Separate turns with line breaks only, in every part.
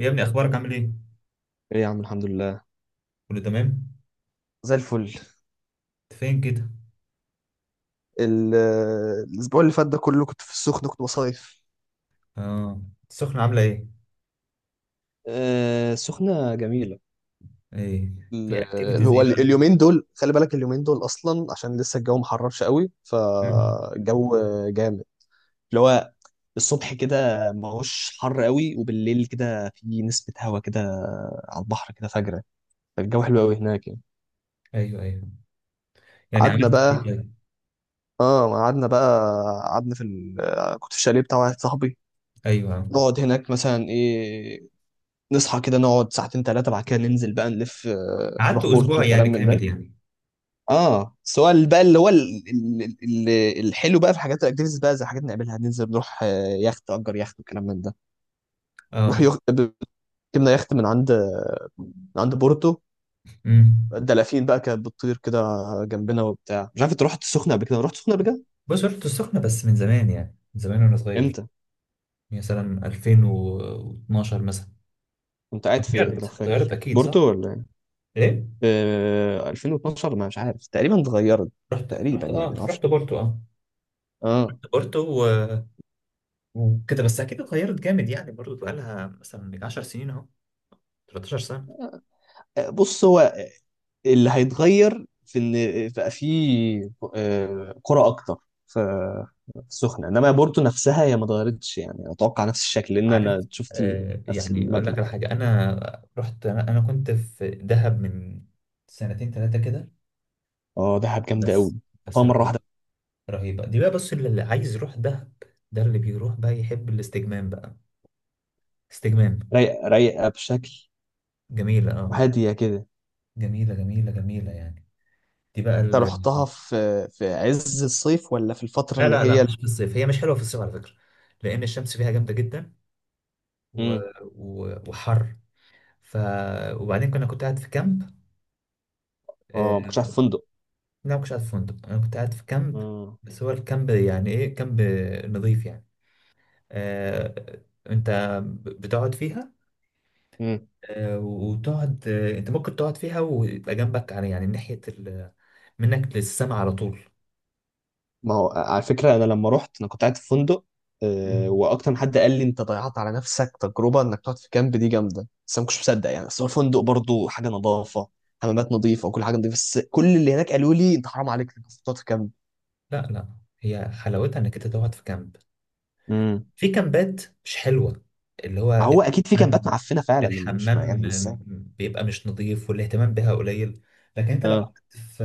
يا ابني، اخبارك عامل ايه؟
ايه يا عم، الحمد لله.
كله تمام.
زي الفل.
انت فين كده؟
ال- الاسبوع اللي فات ده كله كنت في السخنه، كنت بصيف.
اه. السخنة عاملة ايه؟
آه، سخنة جميلة.
ايه؟
ال-
في
اللي
اكتيفيتيز
هو
ايه بقى؟
اليومين دول، خلي بالك، اليومين دول اصلا عشان لسه الجو ما حررش قوي،
مم.
فالجو جامد. اللي هو الصبح كده ما هوش حر قوي، وبالليل كده في نسبة هوا كده على البحر كده فجرة، فالجو حلو قوي هناك يعني.
ايوه، ايوه. يعني
قعدنا
عملت ايه
بقى،
طيب؟
اه قعدنا بقى، قعدنا في كنت في الشاليه بتاع واحد صاحبي.
ايوه، آه.
نقعد هناك مثلا ايه، نصحى كده، نقعد ساعتين ثلاثة، بعد كده ننزل بقى نلف،
قعدت
نروح بورتو
اسبوع يعني
وكلام من ده.
كامل يعني؟
اه، سواء بقى اللي هو ال- الحلو بقى في حاجات الاكتيفيتيز بقى، زي حاجات نعملها ننزل نروح، يخت، اجر يخت وكلام من ده. نروح
اه.
يخت ركبنا يخت من عند بورتو.
امم.
الدلافين بقى كانت بتطير كده جنبنا وبتاع. مش عارف، انت رحت السخنة قبل كده؟ رحت السخنة قبل كده؟
بص، رحت السخنة بس من زمان، يعني من زمان وانا صغير.
امتى؟
يعني مثلا 2012 مثلا.
كنت قاعد فين لو
اتغيرت، اتغيرت
فاكر
اكيد، صح؟
بورتو ولا ايه؟
ايه.
في 2012، ما مش عارف، تقريبا اتغيرت.
رحت رحت
تقريبا
اه
يعني، ما اعرفش.
رحت بورتو، اه.
اه.
بورتو و- وكده بس. اكيد اتغيرت جامد، يعني برضه بقى لها مثلا 10 سنين اهو، 13 سنة.
بص هو اللي هيتغير في اللي بقى فيه آه، كرة أكتر، في في السخنة. إنما بورتو نفسها هي ما اتغيرتش يعني، أتوقع نفس الشكل، لأن
عارف،
أنا شفت نفس
يعني اقول لك
المبنى.
على حاجه. انا رحت انا أنا كنت في دهب من سنتين ثلاثه كده.
أه، دهب جامدة أوي.
بس
حطها
بس
مرة
رهيبه.
واحدة.
رهيبه دي بقى. بص، اللي عايز يروح دهب ده اللي بيروح بقى، يحب الاستجمام بقى. استجمام.
رايقة، رايقة بشكل،
جميله، اه،
وهادية كده.
جميله، جميله، جميله يعني. دي بقى
أنت
ال...
رحتها في في عز الصيف ولا في الفترة
لا،
اللي
لا، لا،
هي؟
مش في الصيف. هي مش حلوه في الصيف على فكره، لان الشمس فيها جامده جدا و...
امم.
وحر. ف وبعدين كنت قاعد في كامب، آه،
أه، ما كنتش عارف فندق.
لا، ما كنتش قاعد في فندق، انا كنت قاعد في كامب. بس هو الكامب يعني ايه؟ كامب نظيف يعني. آه. انت بتقعد فيها.
امم.
آه، وتقعد، انت ممكن تقعد فيها ويبقى جنبك على، يعني، ناحية منك للسما على طول.
ما هو على فكرة، أنا لما رحت أنا كنت قاعد في فندق، آه،
مم.
وأكتر من حد قال لي أنت ضيعت على نفسك تجربة إنك تقعد في كامب، دي جامدة، بس أنا ما كنتش مصدق يعني. أصل هو فندق برضه، حاجة نظافة، حمامات نظيفة وكل حاجة نظيفة، بس كل اللي هناك قالوا لي أنت حرام عليك إنك تقعد في كامب.
لا، لا، هي حلاوتها انك انت تقعد في كامب.
امم.
في كامبات مش حلوة، اللي
ما
هو
هو أكيد في كامبات
الحمام،
معفنة فعلا، أنا مش، ما
الحمام
يعني إزاي.
بيبقى مش نظيف والاهتمام بها قليل. لكن انت لو
اه.
قعدت في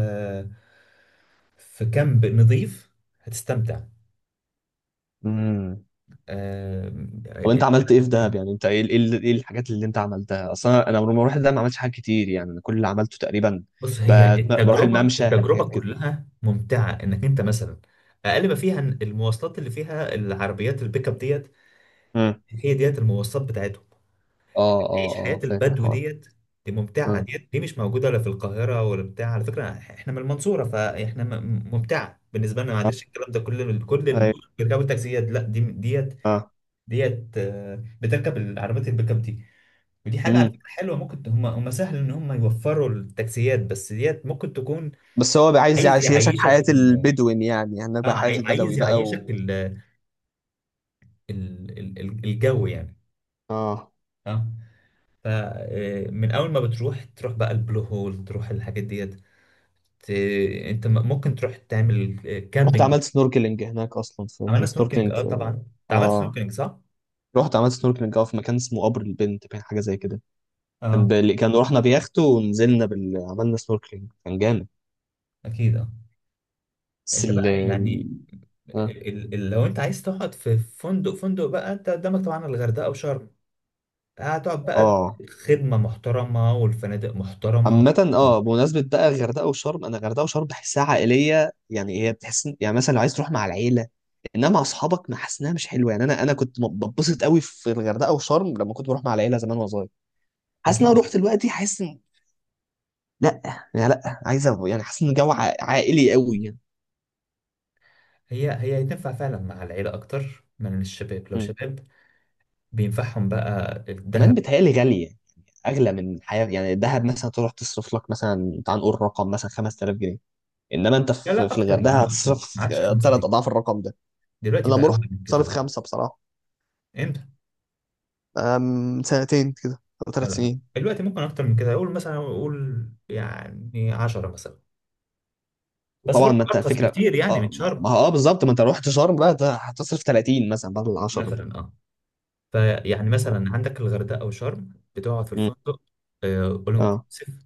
في كامب نظيف هتستمتع.
امم.
آم،
طب أنت عملت إيه في دهب يعني؟ أنت إيه الحاجات اللي أنت عملتها أصلا؟ أنا لما رحت دهب ما عملتش حاجات كتير يعني، أنا كل اللي عملته تقريبا
بص، هي
بروح
التجربة،
الممشى
التجربة
حاجات كده.
كلها ممتعة انك انت مثلا. اقل ما فيها إن المواصلات اللي فيها العربيات البيك اب ديت،
امم.
هي ديت المواصلات بتاعتهم.
اه اه
تعيش
اه،
حياة
فاكر
البدو
الحوار.
ديت، دي ممتعة
اه
ديت، دي مش موجودة لا في القاهرة ولا بتاع. على فكرة احنا من المنصورة، فاحنا ممتعة بالنسبة لنا،
اه،
معلش الكلام ده كل
ايوه،
بيركبوا التاكسيات، لا، دي ديت.
اه.
ديت، بتركب العربيات البيك اب دي. ودي حاجة على
امم.
فكرة حلوة، ممكن هم سهل ان هم يوفروا التاكسيات، بس ديت ممكن تكون.
بس هو بقى عايز
عايز
يعيشك
يعيشك
حياة
ال...
البدوين يعني، هناك بقى حياة البدوي
عايز
بقى
يعيشك
و...
الجو يعني.
اه.
اه. فمن اول ما بتروح، تروح بقى البلو هول، تروح الحاجات ديت. ت- انت ممكن تروح تعمل
رحت
كامبينج.
عملت سنوركلينج هناك اصلا، في
عملنا
كان
سنوركلينج،
سنوركلينج
اه،
في.
طبعا. انت عملت
اه،
سنوركلينج، صح؟
رحت عملت سنوركلينج اه في مكان اسمه قبر البنت، كان حاجه زي كده.
اه.
كان رحنا بيخت ونزلنا عملنا سنوركلينج، كان جامد.
اكيد، اه.
بس
انت بقى يعني،
اه.
لو انت عايز تقعد في فندق، فندق بقى انت قدامك طبعا الغردقه وشرم. هتقعد بقى
آه.
خدمه محترمه والفنادق محترمه.
عامة، اه، بمناسبة بقى غردقة وشرم، انا غردقة وشرم بحسها عائلية يعني، هي بتحس يعني مثلا لو عايز تروح مع العيلة. انما مع اصحابك ما حاسس انها مش حلوه يعني. انا كنت بتبسط قوي في الغردقه وشرم لما كنت بروح مع العيله زمان وانا صغير. حاسس ان
اكيد.
انا رحت دلوقتي حاسس ان... لا، يعني لا، عايز يعني حاسس ان الجو عائلي قوي يعني.
هي تنفع فعلا مع العيله اكتر من الشباب. لو
مم.
شباب، بينفعهم بقى
كمان
الذهب.
بيتهيألي غاليه يعني، اغلى من الحياه يعني. الدهب مثلا تروح تصرف لك مثلا، تعال نقول رقم مثلا 5000 جنيه، انما انت
لا،
في
لا،
في
اكتر يا
الغردقه
عم، اكتر،
هتصرف
ما عادش خمسه
ثلاث
دي.
اضعاف الرقم ده.
دلوقتي
انا
بقى
لما
أقل
رحت
من كده
صرف
ده.
خمسه بصراحه،
انت.
آه، من سنتين كده او
لا،
ثلاث
لا،
سنين.
دلوقتي ممكن اكتر من كده، اقول مثلا، اقول يعني 10 مثلا. بس
وطبعا
برضه
ما انت
ارخص
فكره.
بكتير يعني
اه،
من
ما
شرم.
هو اه، بالظبط، ما انت لو رحت شرم بقى ده هتصرف 30 مثلا بدل 10 دي.
مثلا، اه. فيعني مثلا عندك الغردقه او شرم بتقعد في
مم.
الفندق. اول
اه
انكلوسيف.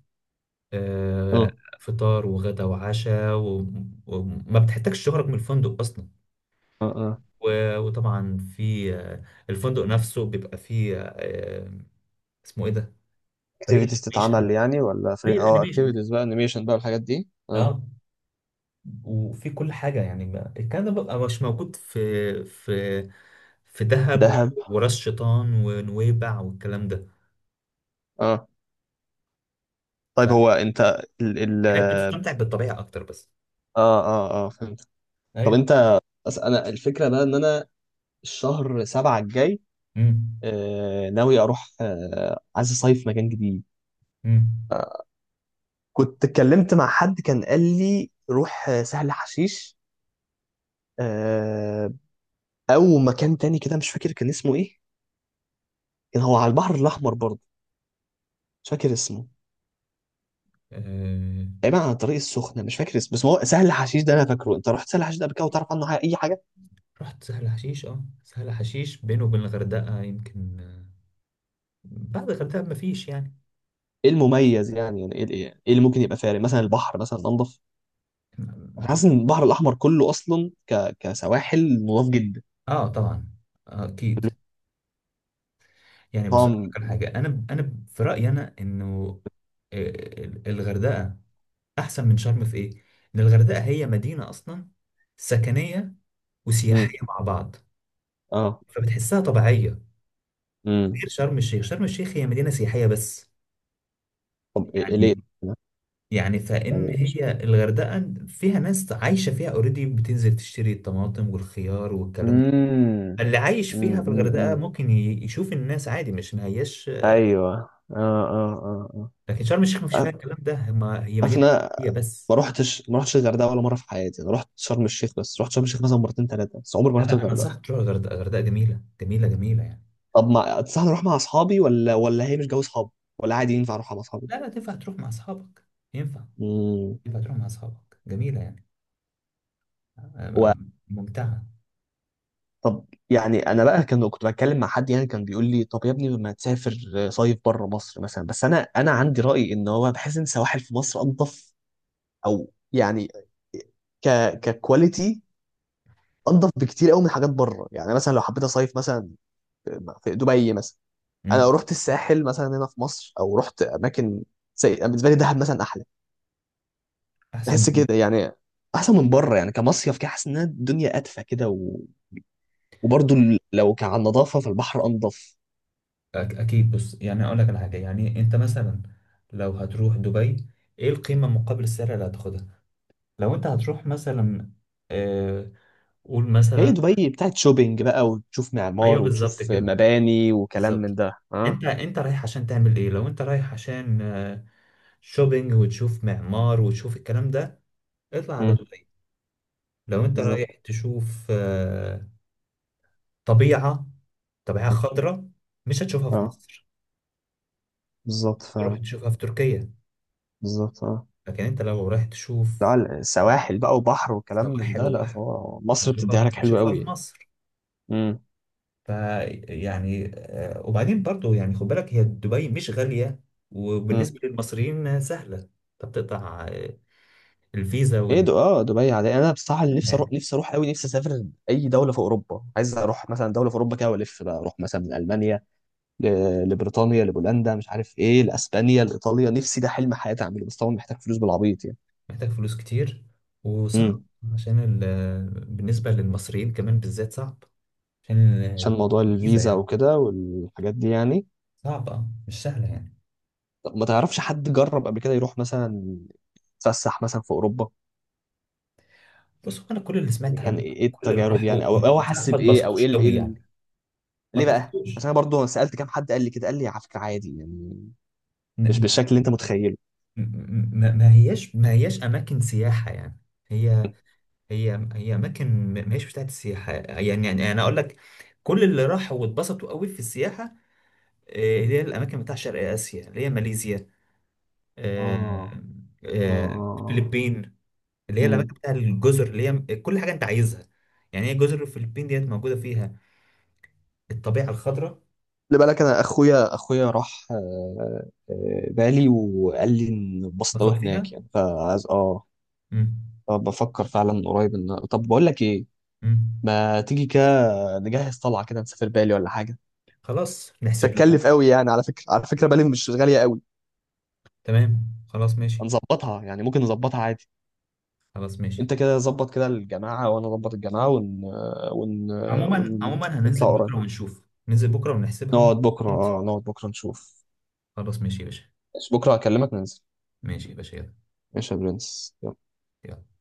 اه
فطار وغدا وعشاء وما بتحتاجش تخرج من الفندق اصلا.
اه اه،
و- وطبعا في، الفندق نفسه بيبقى فيه، اسمه ايه ده؟ فريق
اكتيفيتيز
الانيميشن،
تتعمل يعني، ولا
فريق
فري، اه
الانيميشن.
اكتيفيتيز بقى، انيميشن بقى، الحاجات دي اه.
اه. وفي كل حاجة يعني، الكلام ده بقى مش موجود في في دهب
دهب.
وراس شيطان ونويبع والكلام ده.
اه. طيب هو انت ال ال
فهناك بتستمتع بالطبيعة أكتر بس.
اه اه اه فهمت. طب
أيوة.
انت بس انا الفكره بقى ان انا الشهر سبعة الجاي،
امم.
آه ناوي اروح، آه عايز اصيف مكان جديد.
امم.
كنت اتكلمت مع حد كان قال لي روح، سهل حشيش، آه. او مكان تاني كده مش فاكر كان اسمه ايه، كان هو على البحر الاحمر برضه، مش فاكر اسمه.
آه.
تقريبا على طريق السخنه، مش فاكر اسمه، بس هو سهل حشيش ده انا فاكره. انت رحت سهل حشيش ده قبل كده وتعرف عنه حاجه، اي حاجه؟
رحت سهل حشيش، اه، سهل حشيش بينه وبين الغردقة يمكن، بعد الغردقة مفيش يعني.
ايه المميز يعني؟ يعني ايه ايه إيه اللي ممكن يبقى فارق؟ مثلا البحر مثلا انضف؟ أنا حاسس ان البحر الاحمر كله اصلا كسواحل نضاف جدا.
اه، طبعا. آه، اكيد. يعني بص، أقول
طبعا.
لك على حاجه. انا في رايي انا انه، آه، الغردقه احسن من شرم في ايه؟ ان الغردقه هي مدينه اصلا سكنيه
امم.
وسياحيه مع بعض،
اه.
فبتحسها طبيعيه.
امم.
غير شرم الشيخ. شرم الشيخ هي مدينه سياحيه بس
طب إيه إيه ليه؟
يعني. يعني فان
يعني مش...
هي الغردقه فيها ناس عايشه فيها اوريدي، بتنزل تشتري الطماطم والخيار والكلام ده.
امم،
اللي عايش
امم،
فيها في
امم،
الغردقه
أمم.
ممكن يشوف الناس عادي، مش ما هياش.
ايوه، اه. اه اه
لكن شرم الشيخ ما فيش فيها
اه.
الكلام ده، ما هي
عارف
مدينه
إن أنا
سياحيه
ما
بس.
رحتش ما رحتش الغردقه ولا مره في حياتي. انا رحت شرم الشيخ بس، رحت شرم الشيخ مثلا مرتين ثلاثه، بس عمري ما
لا،
رحت
لا، انا
الغردقه.
انصحك تروح الغردقه. الغردقه جميله، جميله، جميله يعني.
طب ما تنصحني اروح مع اصحابي ولا هي مش جو اصحابي، ولا عادي ينفع اروح مع اصحابي؟
لا، لا، تنفع تروح مع اصحابك. ينفع،
امم.
يبقى تروح مع اصحابك جميله يعني.
و...
آه، ممتعه.
طب يعني انا بقى كنت بتكلم مع حد يعني كان بيقول لي طب يا ابني ما تسافر، صيف بره مصر مثلا. بس انا عندي راي ان هو بحس ان سواحل في مصر انضف، او يعني ك ككواليتي انضف بكتير قوي من حاجات بره يعني. مثلا لو حبيت اصيف مثلا في دبي مثلا، انا لو
مم.
رحت الساحل مثلا هنا في مصر او رحت اماكن زي بالنسبه لي دهب مثلا احلى،
احسن
بحس
من-
كده يعني، احسن من بره يعني، كمصيف كده، حاسس انها الدنيا ادفى كده وبرضه لو كان على النظافه فالبحر انضف.
اكيد، بص يعني اقول لك على حاجه، يعني انت مثلا لو هتروح دبي، ايه القيمه مقابل السعر اللي هتاخدها؟ لو انت هتروح مثلا، آه قول
هي
مثلا.
دبي بتاعت شوبينج بقى، وتشوف
ايوه،
معمار
بالظبط
وتشوف
كده،
مباني وكلام
بالظبط.
من ده، اه.
انت رايح عشان تعمل ايه؟ لو انت رايح عشان، شوبينج وتشوف معمار وتشوف الكلام ده، اطلع على
امم.
دبي. لو انت رايح
بالظبط.
تشوف، طبيعة، طبيعة خضراء، مش هتشوفها في
اه،
مصر،
بالظبط
تروح
فعلا.
تشوفها في تركيا.
بالظبط، اه.
لكن انت لو رايح تشوف
لا، السواحل بقى وبحر وكلام من
سواحل
ده، لا
وبحر،
فهو مصر بتديها
هتشوفها،
لك حلو
هتشوفها
قوي
في
يعني.
مصر فيعني. وبعدين برضو يعني خد بالك، هي دبي مش غالية
امم.
وبالنسبة للمصريين سهلة، انت بتقطع الفيزا
ايه ده؟ اه دبي عادي. انا بصراحه اللي نفسي اروح،
يعني.
نفسي اروح قوي، نفسي اسافر اي دوله في اوروبا، عايز اروح مثلا دوله في اوروبا كده والف، بقى اروح مثلا من المانيا لبريطانيا، لبولندا، مش عارف ايه، لاسبانيا، لايطاليا. نفسي ده حلم حياتي اعمله، بس طبعا محتاج فلوس بالعبيط يعني.
محتاج فلوس كتير وصعب،
امم.
عشان ال... آه، بالنسبة للمصريين كمان بالذات صعب، عشان
عشان موضوع
الفيزا
الفيزا
يعني.
وكده والحاجات دي يعني.
صعبة مش سهلة يعني.
طب ما تعرفش حد جرب قبل كده يروح مثلا يتفسح مثلا في اوروبا
بص هو، انا كل اللي
يعني؟
سمعت
كان
عنه،
ايه
كل اللي
التجارب
راحوا
يعني، او
بصراحه
حس
ما
بايه، او ايه
اتبسطوش
إيه
قوي يعني. ما
ليه بقى؟
اتبسطوش.
عشان انا برضه سالت كام حد قال لي كده، قال لي على فكره عادي يعني، مش
ن-
بالشكل اللي انت متخيله.
ما هياش اماكن سياحه يعني. هي، هي اماكن، ما هيش بتاعت السياحه يعني. يعني انا اقول لك، كل اللي راحوا واتبسطوا قوي في السياحه، اللي هي الاماكن بتاع شرق اسيا، اللي هي ماليزيا، آه،
اه اه
آه،
اه.
الفلبين، اللي هي الاماكن
امم.
بتاع الجزر اللي هي كل حاجه انت عايزها يعني. هي جزر الفلبين ديت موجوده فيها الطبيعه الخضراء.
خلي بالك انا اخويا راح بالي وقال لي ان اتبسط
بسط
أوي
فيها.
هناك يعني، فعايز
مم.
بفكر فعلا قريب. ان طب بقول لك ايه،
مم.
ما تيجي كده، نجهز طلعه كده نسافر بالي ولا حاجه.
خلاص
مش
نحسب لها.
هتكلف قوي يعني على فكره، على فكره بالي مش غاليه قوي.
تمام، خلاص، ماشي.
هنظبطها يعني، ممكن نظبطها عادي.
خلاص، ماشي.
انت كده ظبط كده الجماعه وانا اظبط الجماعه ون...
عموما
ون...
عموما هننزل
نطلع قريب.
بكره ونشوف، ننزل بكرة ونحسبها
نقعد
ونشوف.
بكره،
انت.
نقعد بكره نشوف.
خلاص ماشي يا باشا.
بكره هكلمك ننزل.
ماشي يا باشا، يلا.
ايش يا برنس؟
يلا.